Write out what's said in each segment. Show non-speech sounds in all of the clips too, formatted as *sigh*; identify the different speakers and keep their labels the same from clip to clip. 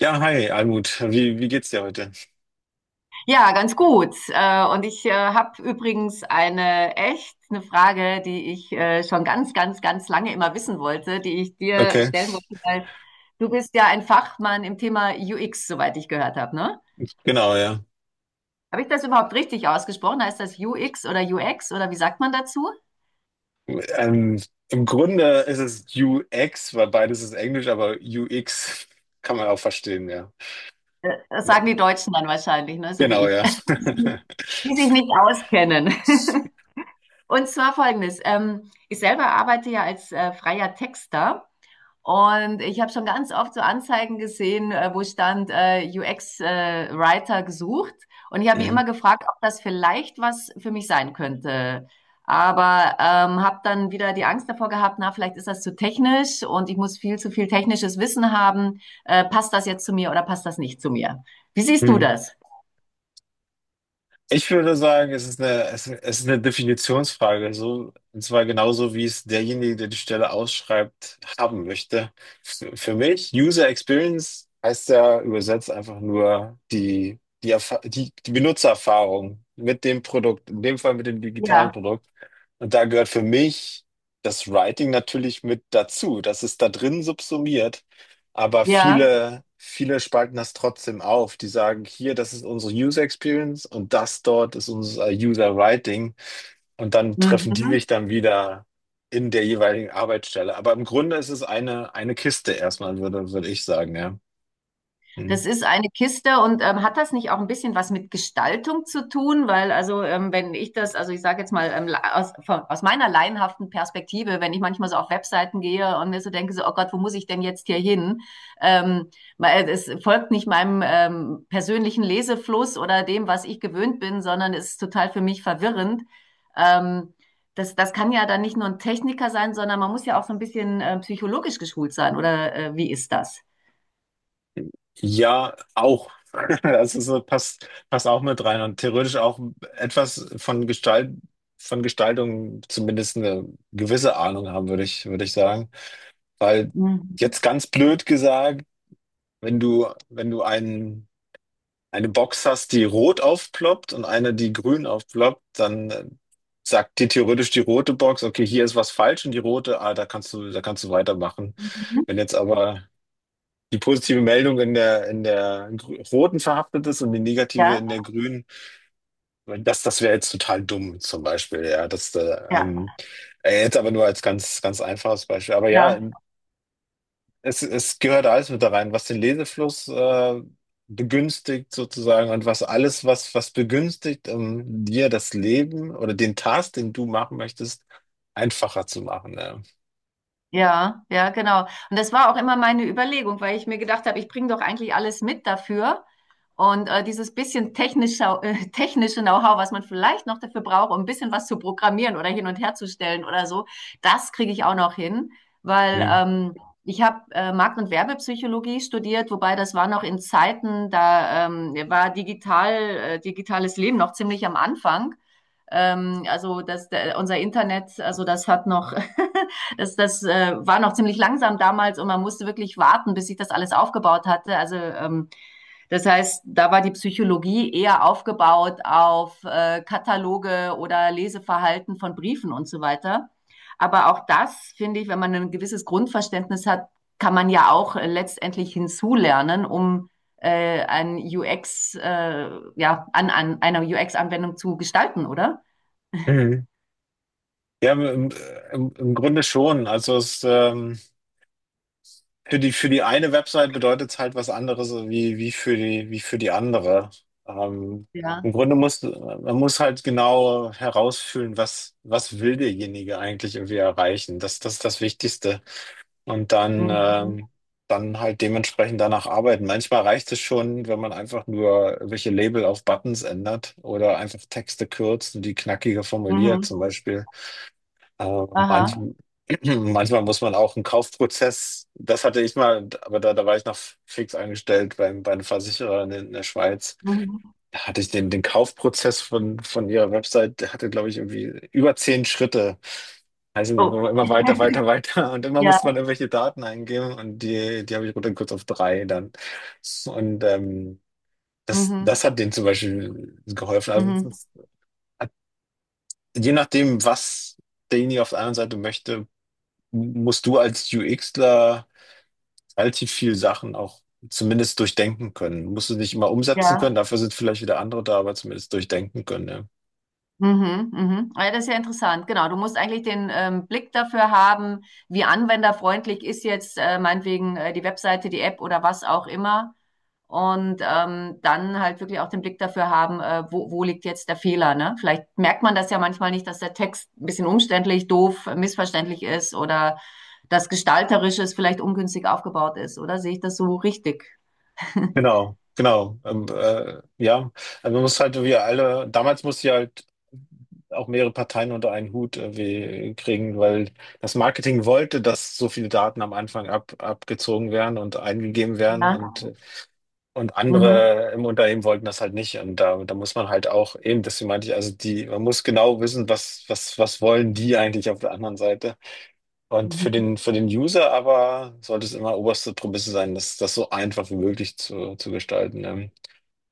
Speaker 1: Ja, hi, Almut. Wie geht's dir heute?
Speaker 2: Ja, ganz gut. Und ich habe übrigens eine echt eine Frage, die ich schon ganz, ganz, ganz lange immer wissen wollte, die ich dir
Speaker 1: Okay,
Speaker 2: stellen wollte, weil du bist ja ein Fachmann im Thema UX, soweit ich gehört habe, ne?
Speaker 1: genau, ja.
Speaker 2: Habe ich das überhaupt richtig ausgesprochen? Heißt das UX oder UX oder wie sagt man dazu?
Speaker 1: Ähm, Im Grunde ist es UX, weil beides ist Englisch, aber UX *laughs* kann man auch verstehen, ja.
Speaker 2: Das
Speaker 1: Ja.
Speaker 2: sagen die Deutschen dann wahrscheinlich, ne? So wie
Speaker 1: Genau,
Speaker 2: ich,
Speaker 1: ja.
Speaker 2: *laughs*
Speaker 1: *laughs*
Speaker 2: die sich nicht auskennen. *laughs* Und zwar folgendes. Ich selber arbeite ja als freier Texter. Und ich habe schon ganz oft so Anzeigen gesehen, wo stand UX-Writer gesucht. Und ich habe mich immer
Speaker 1: Mhm.
Speaker 2: gefragt, ob das vielleicht was für mich sein könnte. Aber habe dann wieder die Angst davor gehabt, na, vielleicht ist das zu technisch und ich muss viel zu viel technisches Wissen haben. Passt das jetzt zu mir oder passt das nicht zu mir? Wie siehst du
Speaker 1: Hm.
Speaker 2: das?
Speaker 1: Ich würde sagen, es ist eine, es ist eine Definitionsfrage, so, und zwar genauso, wie es derjenige, der die Stelle ausschreibt, haben möchte. Für mich, User Experience heißt ja übersetzt einfach nur die, die, die, die Benutzererfahrung mit dem Produkt, in dem Fall mit dem digitalen
Speaker 2: Ja,
Speaker 1: Produkt. Und da gehört für mich das Writing natürlich mit dazu. Das ist da drin subsumiert. Aber
Speaker 2: ja.
Speaker 1: viele spalten das trotzdem auf. Die sagen, hier, das ist unsere User Experience und das dort ist unser User Writing. Und dann treffen die
Speaker 2: Mhm.
Speaker 1: sich dann wieder in der jeweiligen Arbeitsstelle. Aber im Grunde ist es eine Kiste erstmal, würde ich sagen, ja. Hm.
Speaker 2: Das ist eine Kiste und hat das nicht auch ein bisschen was mit Gestaltung zu tun? Weil also wenn ich das, also ich sage jetzt mal aus meiner laienhaften Perspektive, wenn ich manchmal so auf Webseiten gehe und mir so denke, so, oh Gott, wo muss ich denn jetzt hier hin? Ähm, weil es folgt nicht meinem persönlichen Lesefluss oder dem, was ich gewöhnt bin, sondern es ist total für mich verwirrend. Ähm, das kann ja dann nicht nur ein Techniker sein, sondern man muss ja auch so ein bisschen psychologisch geschult sein. Oder wie ist das?
Speaker 1: Ja, auch. *laughs* Das ist so, passt auch mit rein und theoretisch auch etwas von Gestalt, von Gestaltung zumindest eine gewisse Ahnung haben, würde ich sagen. Weil
Speaker 2: Mhm.
Speaker 1: jetzt ganz blöd gesagt, wenn du, wenn du einen, eine Box hast, die rot aufploppt und eine, die grün aufploppt, dann sagt dir theoretisch die rote Box, okay, hier ist was falsch und die rote, ah, da kannst du weitermachen.
Speaker 2: Mhm.
Speaker 1: Wenn jetzt aber die positive Meldung in der roten verhaftet ist und die negative
Speaker 2: Ja,
Speaker 1: in der grünen, das, das wäre jetzt total dumm, zum Beispiel, ja, das,
Speaker 2: ja,
Speaker 1: jetzt aber nur als ganz, ganz einfaches Beispiel. Aber ja,
Speaker 2: ja,
Speaker 1: es gehört alles mit da rein, was den Lesefluss begünstigt sozusagen und was alles, was, was begünstigt, um dir das Leben oder den Task, den du machen möchtest, einfacher zu machen. Ja,
Speaker 2: ja, ja, genau. Und das war auch immer meine Überlegung, weil ich mir gedacht habe, ich bringe doch eigentlich alles mit dafür. Und dieses bisschen technische, *laughs* technische Know-how, was man vielleicht noch dafür braucht, um ein bisschen was zu programmieren oder hin und her zu stellen oder so, das kriege ich auch noch hin, weil
Speaker 1: mhm.
Speaker 2: ich habe Markt- und Werbepsychologie studiert, wobei das war noch in Zeiten, da war digitales Leben noch ziemlich am Anfang. Also unser Internet, also das hat noch, *laughs* das war noch ziemlich langsam damals und man musste wirklich warten, bis ich das alles aufgebaut hatte. Also das heißt, da war die Psychologie eher aufgebaut auf Kataloge oder Leseverhalten von Briefen und so weiter. Aber auch das, finde ich, wenn man ein gewisses Grundverständnis hat, kann man ja auch letztendlich hinzulernen, um ein UX, ja, an einer UX-Anwendung zu gestalten, oder?
Speaker 1: Mhm. Ja, im Grunde schon. Also es, für die, für die eine Website bedeutet es halt was anderes wie, wie für die andere. Ähm,
Speaker 2: Ja.
Speaker 1: Im Grunde muss, man muss halt genau herausfühlen, was, was will derjenige eigentlich irgendwie erreichen. Das, das ist das Wichtigste. Und dann,
Speaker 2: Mhm.
Speaker 1: dann halt dementsprechend danach arbeiten. Manchmal reicht es schon, wenn man einfach nur welche Label auf Buttons ändert oder einfach Texte kürzt und die knackiger formuliert,
Speaker 2: Mhm.
Speaker 1: zum Beispiel. Äh, manch,
Speaker 2: Aha.
Speaker 1: *clears throat* manchmal muss man auch einen Kaufprozess, das hatte ich mal, aber da, da war ich noch fix angestellt beim, bei einem Versicherer in der Schweiz.
Speaker 2: Mhm.
Speaker 1: Da hatte ich den, den Kaufprozess von ihrer Website, der hatte, glaube ich, irgendwie über 10 Schritte. Also nicht,
Speaker 2: Oh,
Speaker 1: wo immer *laughs* weiter. Und immer musste man
Speaker 2: ja.
Speaker 1: irgendwelche Daten eingeben und die, die habe ich runtergekürzt auf drei dann. Und das, das
Speaker 2: Mhm.
Speaker 1: hat denen zum Beispiel geholfen. Also es
Speaker 2: Mhm.
Speaker 1: ist, hat, je nachdem, was derjenige auf der anderen Seite möchte, musst du als UXler relativ viel Sachen auch zumindest durchdenken können. Du musst es nicht immer umsetzen können,
Speaker 2: Ja.
Speaker 1: dafür sind vielleicht wieder andere da, aber zumindest durchdenken können. Ja.
Speaker 2: Mhm, mhm. Ah, ja, das ist ja interessant. Genau, du musst eigentlich den Blick dafür haben, wie anwenderfreundlich ist jetzt meinetwegen die Webseite, die App oder was auch immer. Und dann halt wirklich auch den Blick dafür haben, wo liegt jetzt der Fehler, ne? Vielleicht merkt man das ja manchmal nicht, dass der Text ein bisschen umständlich, doof, missverständlich ist oder das Gestalterische ist vielleicht ungünstig aufgebaut ist, oder? Sehe ich das so richtig? *laughs*
Speaker 1: Genau, genau. Ja, also man muss halt wie alle, damals musste ich halt auch mehrere Parteien unter einen Hut irgendwie kriegen, weil das Marketing wollte, dass so viele Daten am Anfang abgezogen werden und eingegeben werden.
Speaker 2: Ja.
Speaker 1: Und
Speaker 2: Mhm.
Speaker 1: andere im Unternehmen wollten das halt nicht. Und da, da muss man halt auch eben, deswegen meinte ich, also die, man muss genau wissen, was wollen die eigentlich auf der anderen Seite. Und
Speaker 2: Mhm.
Speaker 1: für den User aber sollte es immer oberste Prämisse sein, das, das so einfach wie möglich zu gestalten. Ne?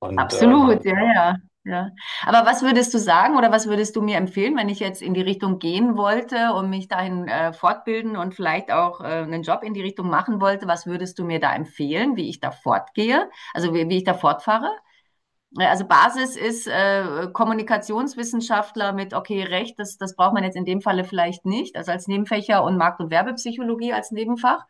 Speaker 1: Und
Speaker 2: Absolut, ja, ja, ja. Aber was würdest du sagen oder was würdest du mir empfehlen, wenn ich jetzt in die Richtung gehen wollte und mich dahin fortbilden und vielleicht auch einen Job in die Richtung machen wollte? Was würdest du mir da empfehlen, wie ich da fortgehe? Also wie ich da fortfahre? Ne, also Basis ist Kommunikationswissenschaftler mit, okay, Recht, das braucht man jetzt in dem Falle vielleicht nicht, also als Nebenfächer und Markt- und Werbepsychologie als Nebenfach.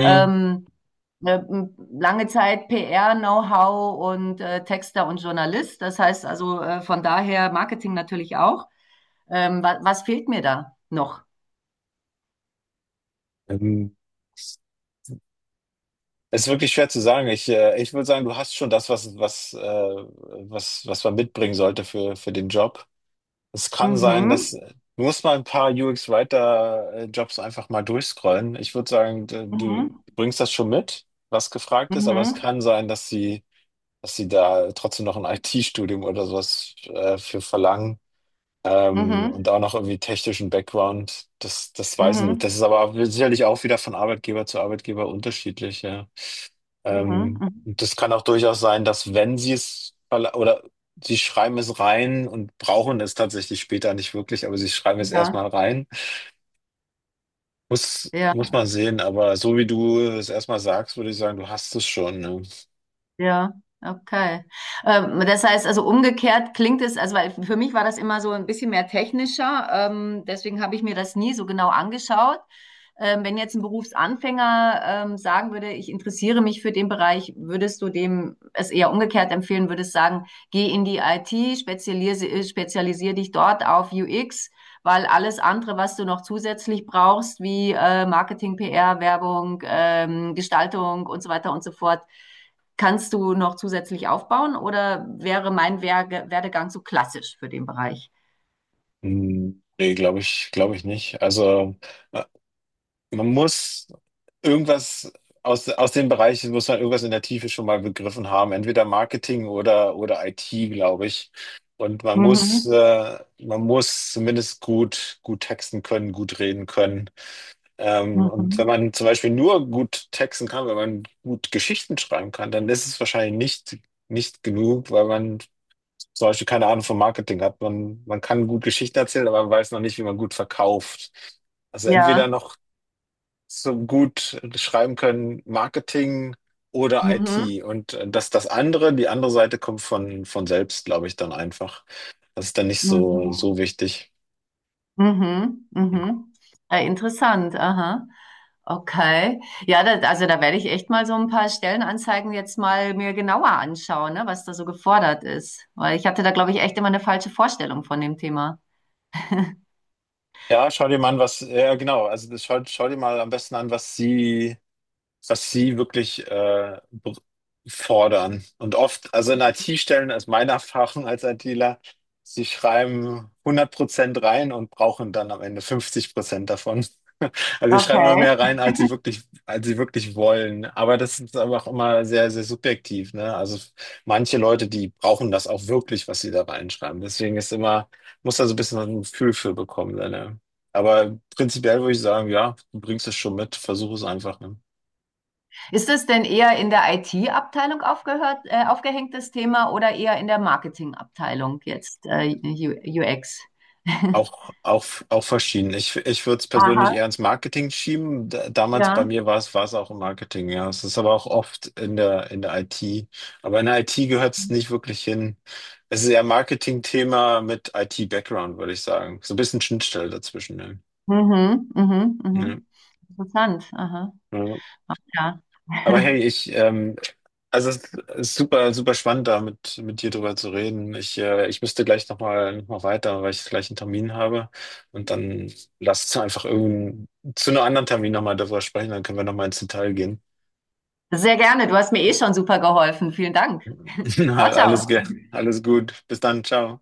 Speaker 1: hm,
Speaker 2: Ähm, äh, lange Zeit PR-Know-how und Texter und Journalist. Das heißt also von daher Marketing natürlich auch. Wa was fehlt mir da noch?
Speaker 1: ähm, es ist wirklich schwer zu sagen. Ich würde sagen, du hast schon das, was man mitbringen sollte für den Job. Es kann sein, dass
Speaker 2: Mhm.
Speaker 1: du musst mal ein paar UX-Writer-Jobs einfach mal durchscrollen. Ich würde sagen, du
Speaker 2: Mhm.
Speaker 1: bringst das schon mit, was gefragt ist, aber es
Speaker 2: Mhm.
Speaker 1: kann sein, dass sie da trotzdem noch ein *laughs* IT-Studium oder sowas für verlangen. Und
Speaker 2: Mhm.
Speaker 1: auch noch irgendwie technischen Background, das, das weiß ich nicht.
Speaker 2: Mhm.
Speaker 1: Das ist aber sicherlich auch wieder von Arbeitgeber zu Arbeitgeber unterschiedlich, ja.
Speaker 2: Mhm. Mhm. Mhm.
Speaker 1: Und das kann auch durchaus sein, dass wenn sie es oder sie schreiben es rein und brauchen es tatsächlich später nicht wirklich, aber sie schreiben es
Speaker 2: Ja.
Speaker 1: erstmal rein.
Speaker 2: Ja.
Speaker 1: Muss man sehen, aber so wie du es erstmal sagst, würde ich sagen, du hast es schon. Ne?
Speaker 2: Ja, okay. Das heißt also umgekehrt klingt es, also weil für mich war das immer so ein bisschen mehr technischer, deswegen habe ich mir das nie so genau angeschaut. Wenn jetzt ein Berufsanfänger sagen würde, ich interessiere mich für den Bereich, würdest du dem es eher umgekehrt empfehlen, würdest sagen, geh in die IT, spezialisiere dich dort auf UX, weil alles andere, was du noch zusätzlich brauchst, wie Marketing, PR, Werbung, Gestaltung und so weiter und so fort, kannst du noch zusätzlich aufbauen oder wäre mein Werge Werdegang so klassisch für den Bereich?
Speaker 1: Hm, nee, glaube ich nicht. Also. äh, Man muss irgendwas aus den Bereichen, muss man irgendwas in der Tiefe schon mal begriffen haben, entweder Marketing oder IT, glaube ich. Und
Speaker 2: Mhm.
Speaker 1: man muss zumindest gut, gut texten können, gut reden können. Und wenn
Speaker 2: Mhm.
Speaker 1: man zum Beispiel nur gut texten kann, wenn man gut Geschichten schreiben kann, dann ist es wahrscheinlich nicht, nicht genug, weil man zum Beispiel keine Ahnung vom Marketing hat. Man kann gut Geschichten erzählen, aber man weiß noch nicht, wie man gut verkauft. Also entweder
Speaker 2: Ja.
Speaker 1: noch so gut schreiben können, Marketing oder
Speaker 2: Mhm.
Speaker 1: IT. Und das, das andere, die andere Seite kommt von selbst, glaube ich, dann einfach. Das ist dann nicht so,
Speaker 2: Mhm.
Speaker 1: so wichtig.
Speaker 2: Mhm.
Speaker 1: Hm.
Speaker 2: Mhm. Interessant. Aha. Okay. Ja, da, also da werde ich echt mal so ein paar Stellenanzeigen jetzt mal mir genauer anschauen, ne, was da so gefordert ist. Weil ich hatte da, glaube ich, echt immer eine falsche Vorstellung von dem Thema.
Speaker 1: Ja, schau dir mal an, was, ja genau, also das schau dir mal am besten an, was sie wirklich fordern. Und oft, also in IT-Stellen ist meine Erfahrung als ITler, sie schreiben 100% rein und brauchen dann am Ende 50% davon. *laughs* Also sie schreiben immer
Speaker 2: Okay.
Speaker 1: mehr rein, als sie wirklich wollen. Aber das ist aber auch immer sehr, sehr subjektiv, ne? Also manche Leute, die brauchen das auch wirklich, was sie da reinschreiben. Deswegen ist immer, muss da so ein bisschen ein Gefühl für bekommen, ne? Aber prinzipiell würde ich sagen, ja, du bringst es schon mit, versuch es einfach, ne?
Speaker 2: Ist es denn eher in der IT-Abteilung aufgehängt, das Thema oder eher in der Marketing-Abteilung jetzt, UX? *laughs*
Speaker 1: Auch verschieden. Ich würde es persönlich
Speaker 2: Aha,
Speaker 1: eher ins Marketing schieben. D damals bei
Speaker 2: ja.
Speaker 1: mir war es auch im Marketing, ja. Es ist aber auch oft in der IT. Aber in der IT gehört es nicht wirklich hin. Es ist eher Marketing-Thema mit IT-Background, würde ich sagen. So ein bisschen Schnittstelle dazwischen, ne?
Speaker 2: Mhm, mhm,
Speaker 1: Ja.
Speaker 2: mhm. Interessant. Aha,
Speaker 1: Ja.
Speaker 2: ja.
Speaker 1: Aber hey,
Speaker 2: *laughs*
Speaker 1: also es ist super, super spannend, da mit dir drüber zu reden. Ich müsste gleich noch mal weiter, weil ich gleich einen Termin habe. Und dann lass uns einfach irgend zu einem anderen Termin nochmal darüber sprechen, dann können wir nochmal ins Detail gehen.
Speaker 2: Sehr gerne. Du hast mir eh schon super geholfen. Vielen Dank. *laughs*
Speaker 1: *laughs* Na,
Speaker 2: Ciao, ciao.
Speaker 1: Alles gut. Bis dann, ciao.